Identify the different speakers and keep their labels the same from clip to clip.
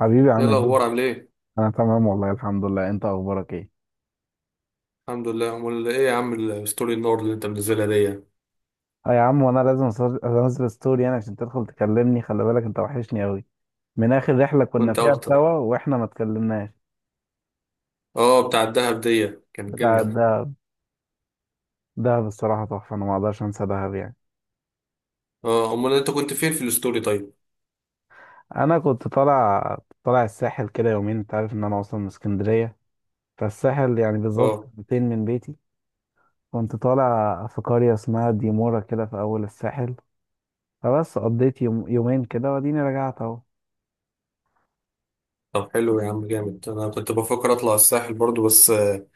Speaker 1: حبيبي،
Speaker 2: ايه
Speaker 1: عامل ايه؟
Speaker 2: الاخبار عامل ايه؟
Speaker 1: انا تمام والله الحمد لله. انت اخبارك ايه؟
Speaker 2: الحمد لله. امال ايه يا عم الستوري النور اللي انت منزلها دي؟
Speaker 1: اه يا عم، وانا لازم انزل ستوري يعني عشان تدخل تكلمني. خلي بالك، انت وحشني قوي من اخر رحلة كنا
Speaker 2: وانت
Speaker 1: فيها
Speaker 2: اكتر.
Speaker 1: سوا واحنا ما اتكلمناش.
Speaker 2: اه، بتاع الدهب دي كانت
Speaker 1: بتاع
Speaker 2: جامده.
Speaker 1: الدهب دهب الصراحة تحفة. انا ما اقدرش انسى دهب يعني.
Speaker 2: اه، امال انت كنت فين في الستوري طيب؟
Speaker 1: انا كنت طالع الساحل كده يومين. انت عارف ان انا اصلا من اسكندرية، فالساحل يعني بالظبط
Speaker 2: اه.
Speaker 1: 200 من بيتي. كنت طالع في قرية اسمها ديمورا كده في اول الساحل. فبس قضيت يوم يومين كده واديني رجعت اهو.
Speaker 2: طب حلو يا عم جامد. انا كنت بفكر اطلع الساحل برضو بس آه،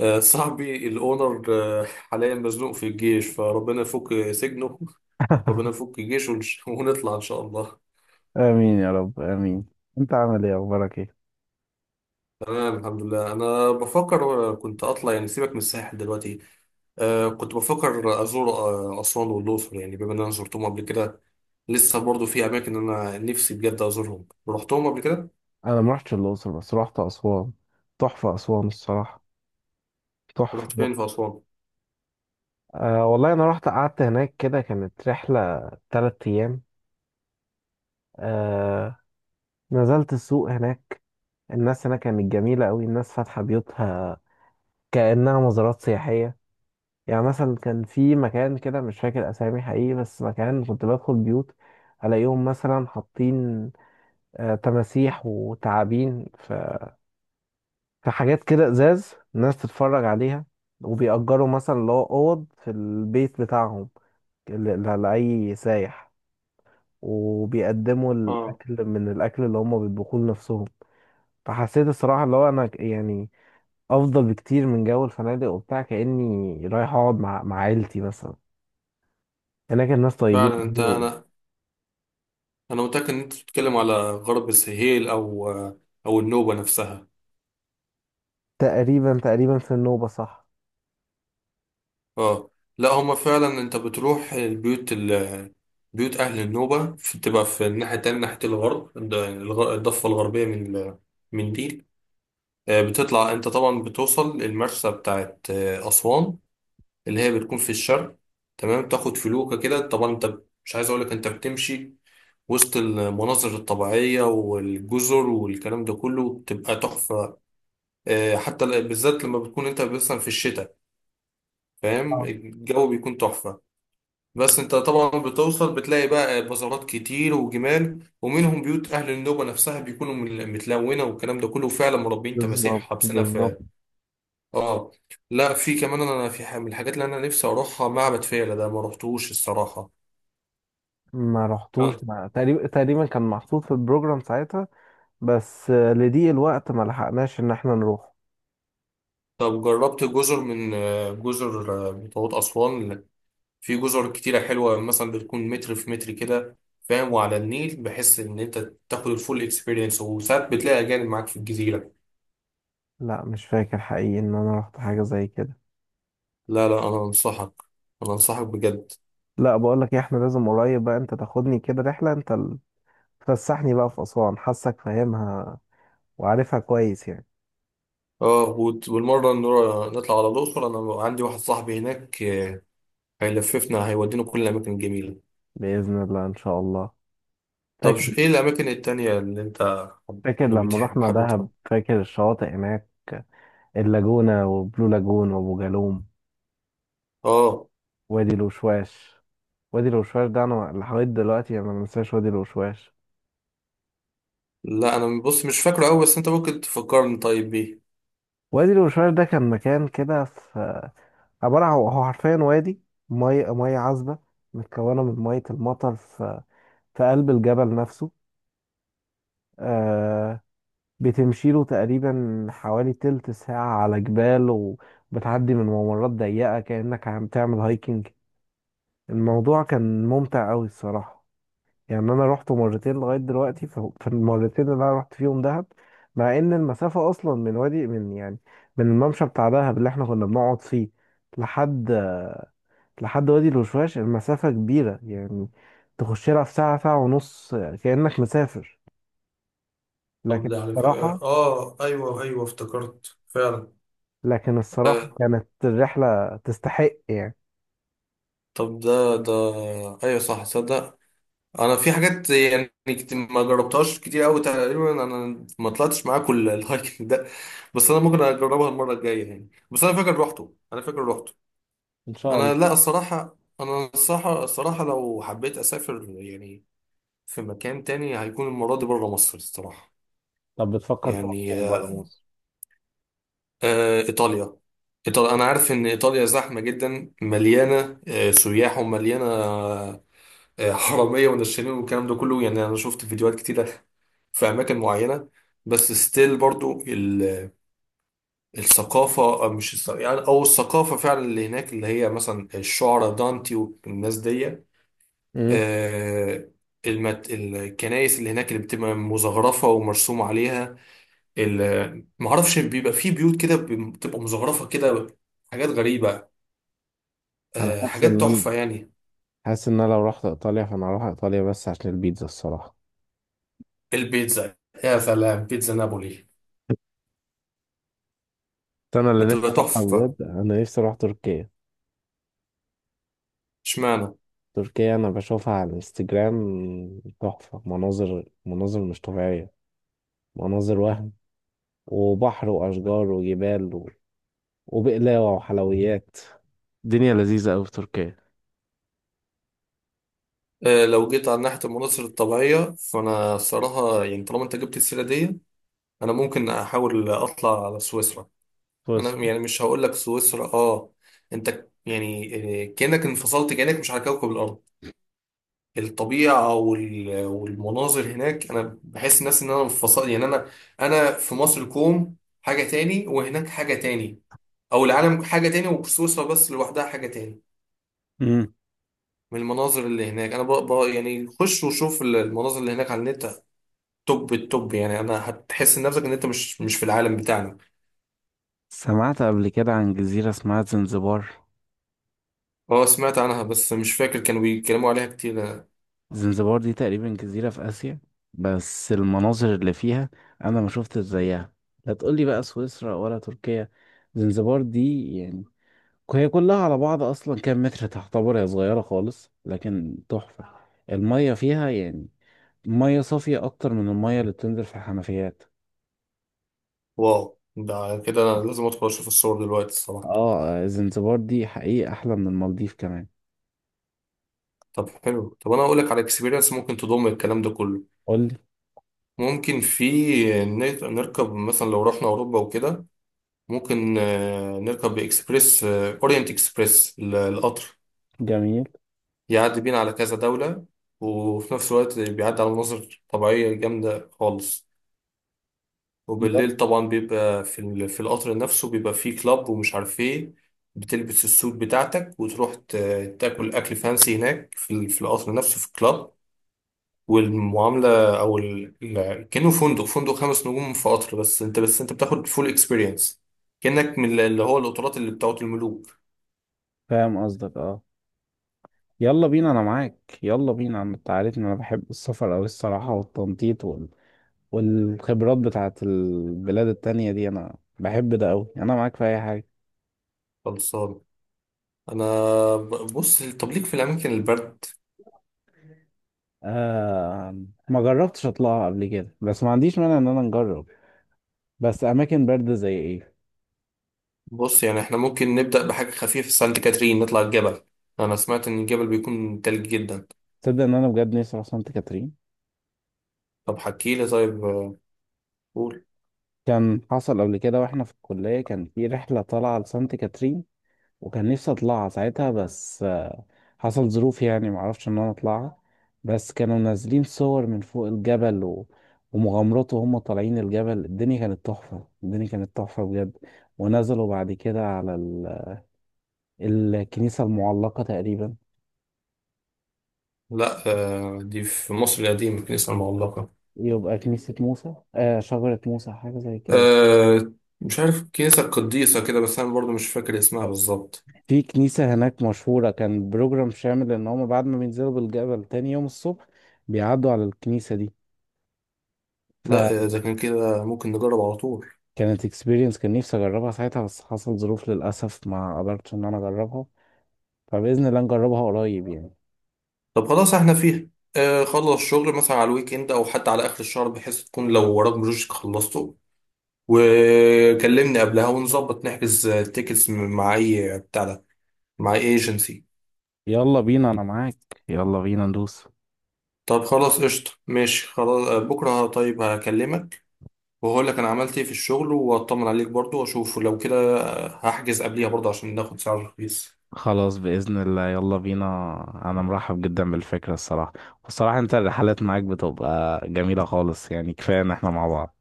Speaker 2: آه، صاحبي الاونر حاليا مزنوق في الجيش فربنا يفك سجنه ربنا يفك جيشه ونطلع ان شاء الله.
Speaker 1: امين يا رب امين. انت عامل ايه؟ اخبارك ايه؟
Speaker 2: تمام الحمد لله. انا بفكر كنت اطلع يعني، سيبك من الساحل دلوقتي. كنت بفكر أزور أسوان والأقصر، يعني بما إن أنا زرتهم قبل كده، لسه برضو في أماكن أنا نفسي بجد أزورهم. رحتهم قبل كده؟
Speaker 1: انا ما رحتش الاقصر بس رحت اسوان. تحفه اسوان الصراحه، تحفه.
Speaker 2: رحت فين في أسوان؟
Speaker 1: أه والله انا رحت قعدت هناك كده، كانت رحله تلات ايام. أه، نزلت السوق هناك. الناس هناك كانت جميله قوي، الناس فاتحه بيوتها كانها مزارات سياحيه. يعني مثلا كان في مكان كده، مش فاكر اسامي حقيقي، بس مكان كنت بدخل بيوت الاقيهم مثلا حاطين تماسيح وتعابين. في حاجات كده ازاز الناس تتفرج عليها. وبيأجروا مثلا اللي هو اوض في البيت بتاعهم ل- لأي سايح، وبيقدموا
Speaker 2: آه.
Speaker 1: الاكل من الاكل اللي هم بيطبخوه لنفسهم. فحسيت الصراحه اللي هو انا يعني افضل بكتير من جو الفنادق وبتاع، كاني رايح اقعد مع عيلتي مثلا. هناك الناس طيبين
Speaker 2: فعلا.
Speaker 1: أوي.
Speaker 2: أنا أنا متأكد إن أنت بتتكلم على غرب السهيل أو أو النوبة نفسها.
Speaker 1: تقريبا تقريبا في النوبه صح.
Speaker 2: آه. لا، هما فعلا. أنت بتروح البيوت بيوت أهل النوبة بتبقى في الناحية التانية، ناحية الغرب، الضفة الغربية من من دي. بتطلع أنت طبعا، بتوصل المرسى بتاعت أسوان، اللي هي بتكون في الشرق. تمام، تاخد فلوكة كده طبعا انت، مش عايز اقولك انت بتمشي وسط المناظر الطبيعية والجزر والكلام ده كله، بتبقى تحفة. حتى بالذات لما بتكون انت مثلا في الشتاء، فاهم،
Speaker 1: اه
Speaker 2: الجو بيكون تحفة. بس انت طبعا بتوصل بتلاقي بقى بازارات كتير وجمال، ومنهم بيوت اهل النوبة نفسها بيكونوا متلونة والكلام ده كله، فعلا مربين تماسيح
Speaker 1: بالظبط
Speaker 2: حابسينها
Speaker 1: بالظبط.
Speaker 2: في. اه. لا، في كمان انا من الحاجات اللي انا نفسي اروحها معبد فيلة، ده ما رحتوش الصراحه.
Speaker 1: ما
Speaker 2: آه.
Speaker 1: رحتوش ما تقريبا تقريبا كان محطوط في البروجرام ساعتها، بس لضيق الوقت ما لحقناش ان احنا نروح.
Speaker 2: طب جربت جزر من آه، جزر بتوعت اسوان؟ في جزر كتيره حلوه، مثلا بتكون متر في متر كده، فاهم، وعلى النيل، بحس ان انت تاخد الفول اكسبيرينس، وساعات بتلاقي اجانب معاك في الجزيره.
Speaker 1: لا مش فاكر حقيقي ان انا رحت حاجة زي كده.
Speaker 2: لا، لا، انا انصحك. انا انصحك بجد.
Speaker 1: لا، بقول لك إيه، احنا لازم قريب بقى انت تاخدني كده رحلة، انت تفسحني بقى في اسوان. حاسك فاهمها وعارفها كويس يعني.
Speaker 2: اه. والمره نطلع على الاقصر. انا عندي واحد صاحبي هناك هيلففنا هيودينا كل الاماكن الجميله.
Speaker 1: بإذن الله، ان شاء الله.
Speaker 2: طب
Speaker 1: فاكر
Speaker 2: ايه الاماكن التانية اللي انت حب-
Speaker 1: فاكر
Speaker 2: يعني
Speaker 1: لما
Speaker 2: بتحب،
Speaker 1: رحنا
Speaker 2: حابب تروح.
Speaker 1: دهب؟ فاكر الشواطئ هناك؟ اللاجونة وبلو لاجون وابو جالوم،
Speaker 2: اه،
Speaker 1: وادي الوشواش. وادي الوشواش ده انا لحد دلوقتي انا ما انساش وادي الوشواش.
Speaker 2: لا، انا بص مش فاكره قوي، بس انت ممكن تفكرني طيب بيه.
Speaker 1: وادي الوشواش ده كان مكان كده، في عبارة عن هو حرفيا وادي، مية مية عذبة متكونة من مية المطر في قلب الجبل نفسه. آه بتمشيله تقريبا حوالي تلت ساعة على جبال وبتعدي من ممرات ضيقة كأنك عم تعمل هايكنج. الموضوع كان ممتع أوي الصراحة. يعني أنا روحته مرتين لغاية دلوقتي في المرتين اللي أنا رحت فيهم دهب، مع إن المسافة أصلا من يعني من الممشى بتاع دهب اللي إحنا كنا بنقعد فيه لحد لحد وادي الوشواش، المسافة كبيرة يعني، تخش لها في ساعة ساعة ونص كأنك مسافر.
Speaker 2: طب
Speaker 1: لكن
Speaker 2: ده على
Speaker 1: الصراحة
Speaker 2: فكرة، اه، ايوه، ايوه، افتكرت فعلا.
Speaker 1: لكن
Speaker 2: آه،
Speaker 1: الصراحة كانت الرحلة تستحق يعني.
Speaker 2: طب ده ايوه، صح، صدق. انا في حاجات يعني ما جربتهاش كتير قوي. تقريبا انا ما طلعتش معاك الهايكنج ده، بس انا ممكن اجربها المره الجايه يعني. بس انا فاكر روحته.
Speaker 1: ان شاء
Speaker 2: انا، لا،
Speaker 1: الله.
Speaker 2: الصراحه، انا الصراحه لو حبيت اسافر يعني في مكان تاني، هيكون المرة دي بره مصر الصراحة.
Speaker 1: طب بتفكر تروح
Speaker 2: يعني
Speaker 1: فين بره مصر؟
Speaker 2: إيطاليا. إيطاليا، أنا عارف إن إيطاليا زحمة جدا، مليانة سياح، ومليانة حرامية ونشالين والكلام ده كله يعني. أنا شفت فيديوهات كتيرة في أماكن معينة. بس ستيل برضو الثقافة، أو مش يعني، أو الثقافة فعلا اللي هناك اللي هي مثلا الشعراء دانتي والناس دي.
Speaker 1: امم
Speaker 2: آه، الكنائس اللي هناك اللي بتبقى مزخرفة ومرسوم عليها. معرفش، بيبقى في بيوت كده بتبقى مزخرفة كده، حاجات غريبة.
Speaker 1: انا
Speaker 2: حاجات تحفة يعني.
Speaker 1: حاسس ان انا لو رحت ايطاليا، فانا هروح ايطاليا بس عشان البيتزا الصراحة.
Speaker 2: البيتزا. يا سلام، بيتزا نابولي.
Speaker 1: بس انا اللي نفسي
Speaker 2: هتبقى
Speaker 1: اروحها
Speaker 2: تحفة.
Speaker 1: بجد، انا نفسي اروح تركيا.
Speaker 2: اشمعنى.
Speaker 1: تركيا انا بشوفها على الانستجرام تحفة، مناظر، مناظر مش طبيعية، مناظر وهم، وبحر واشجار وجبال وبقلاوة وحلويات. الدنيا لذيذة أوي في تركيا.
Speaker 2: لو جيت على ناحية المناظر الطبيعية، فأنا صراحة يعني، طالما أنت جبت السيرة دي، أنا ممكن أحاول أطلع على سويسرا. أنا
Speaker 1: بصرة.
Speaker 2: يعني مش هقول لك سويسرا أنت يعني كأنك انفصلت، كأنك مش على كوكب الأرض. الطبيعة والمناظر هناك، أنا بحس الناس إن أنا منفصل يعني. أنا في مصر كوم، حاجة تاني، وهناك حاجة تاني. أو العالم حاجة تاني، وسويسرا بس لوحدها حاجة تاني
Speaker 1: امم
Speaker 2: من المناظر اللي هناك. أنا بقى يعني، خش وشوف المناظر اللي هناك على النت، توب التوب يعني. أنا هتحس نفسك إن أنت مش في العالم بتاعنا.
Speaker 1: سمعت قبل كده عن جزيرة اسمها زنزبار.
Speaker 2: أه، سمعت عنها بس مش فاكر، كانوا بيتكلموا عليها كتير.
Speaker 1: زنزبار دي تقريبا جزيرة في آسيا، بس المناظر اللي فيها أنا ما شفتش زيها. لا تقولي بقى سويسرا ولا تركيا، زنزبار دي يعني، هي كلها على بعض أصلا كام متر، تعتبر هي صغيرة خالص لكن تحفة. المية فيها يعني مية صافية أكتر من المية اللي بتنزل في الحنفيات.
Speaker 2: واو، ده كده أنا لازم أدخل أشوف الصور دلوقتي الصراحة.
Speaker 1: اه زنزبار دي حقيقة احلى من المالديف كمان.
Speaker 2: طب حلو. طب أنا أقول لك على اكسبيرينس، ممكن تضم الكلام ده كله.
Speaker 1: قولي.
Speaker 2: ممكن في نركب مثلا لو رحنا أوروبا وكده، ممكن نركب إكسبريس أورينت إكسبريس القطر،
Speaker 1: جميل.
Speaker 2: يعدي بينا على كذا دولة، وفي نفس الوقت بيعدي على مناظر طبيعية جامدة خالص.
Speaker 1: يلا.
Speaker 2: وبالليل طبعا بيبقى في في القطر نفسه، بيبقى فيه كلاب ومش عارف إيه. بتلبس السوت بتاعتك وتروح تاكل أكل فانسي هناك في في القطر نفسه، في الكلاب، والمعامله، او كانه فندق خمس نجوم في قطر، بس انت بتاخد فول اكسبيرينس، كانك من اللي هو القطارات اللي بتاعت الملوك.
Speaker 1: فاهم قصدك، اه. يلا بينا، انا معاك. يلا بينا، انت عارفني انا بحب السفر اوي الصراحة، والتنطيط والخبرات بتاعت البلاد التانية دي، انا بحب ده اوي. انا معاك في اي حاجة.
Speaker 2: خلصان. انا بص. طب ليك في الاماكن البرد؟
Speaker 1: آه، ما جربتش اطلعها قبل كده بس ما عنديش مانع ان انا نجرب. بس اماكن باردة زي ايه؟
Speaker 2: بص يعني، احنا ممكن نبدا بحاجه خفيفه، في سانت كاترين نطلع الجبل. انا سمعت ان الجبل بيكون تلج جدا.
Speaker 1: تصدق ان انا بجد نفسي اروح سانت كاترين.
Speaker 2: طب حكي لي طيب قول.
Speaker 1: كان حصل قبل كده واحنا في الكلية، كان في رحلة طالعة لسانت كاترين، وكان نفسي اطلعها ساعتها، بس حصل ظروف يعني معرفش ان انا اطلعها. بس كانوا نازلين صور من فوق الجبل ومغامرات وهم طالعين الجبل، الدنيا كانت تحفة، الدنيا كانت تحفة بجد. ونزلوا بعد كده على الكنيسة المعلقة تقريبا.
Speaker 2: لا، دي في مصر القديمه كنيسه المعلقه.
Speaker 1: يبقى كنيسة موسى، شجرة موسى، حاجة زي كده.
Speaker 2: آه. مش عارف، كنيسة قديسة كده، بس أنا برضو مش فاكر اسمها بالظبط.
Speaker 1: في كنيسة هناك مشهورة، كان بروجرام شامل ان هم بعد ما بينزلوا بالجبل تاني يوم الصبح بيعدوا على الكنيسة دي. ف
Speaker 2: لا، إذا كان كده ممكن نجرب على طول.
Speaker 1: كانت اكسبيرينس، كان نفسي اجربها ساعتها بس حصل ظروف للاسف، ما قدرتش ان انا اجربها. فباذن الله نجربها قريب يعني.
Speaker 2: طب خلاص احنا فيها. آه، خلص شغل مثلا على الويك إند، أو حتى على آخر الشهر، بحيث تكون لو وراك بروجكت خلصته، وكلمني قبلها ونظبط نحجز تيكتس مع أي بتاع ده، مع أي ايجنسي.
Speaker 1: يلا بينا انا معاك، يلا بينا ندوس.
Speaker 2: طب خلاص قشطة، ماشي خلاص. بكرة طيب هكلمك، وهقول لك أنا عملت إيه في الشغل، وأطمن عليك برضو، وأشوف لو كده هحجز قبليها برضو عشان ناخد سعر رخيص.
Speaker 1: خلاص باذن الله، يلا بينا. انا مرحب جدا بالفكره الصراحه. والصراحه انت الرحلات معاك بتبقى جميله خالص يعني، كفايه ان احنا مع بعض.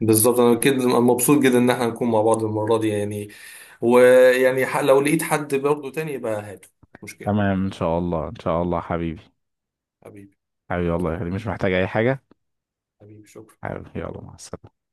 Speaker 2: بالظبط، انا كده مبسوط جدا ان احنا نكون مع بعض المره دي يعني. ويعني لو لقيت حد برضه تاني يبقى هاته، مش مشكله.
Speaker 1: تمام ان شاء الله، ان شاء الله حبيبي.
Speaker 2: حبيبي.
Speaker 1: حبيبي والله يا
Speaker 2: سلام.
Speaker 1: غالي. مش محتاج اي حاجه.
Speaker 2: حبيبي شكرا.
Speaker 1: حبيبي، يلا مع السلامه.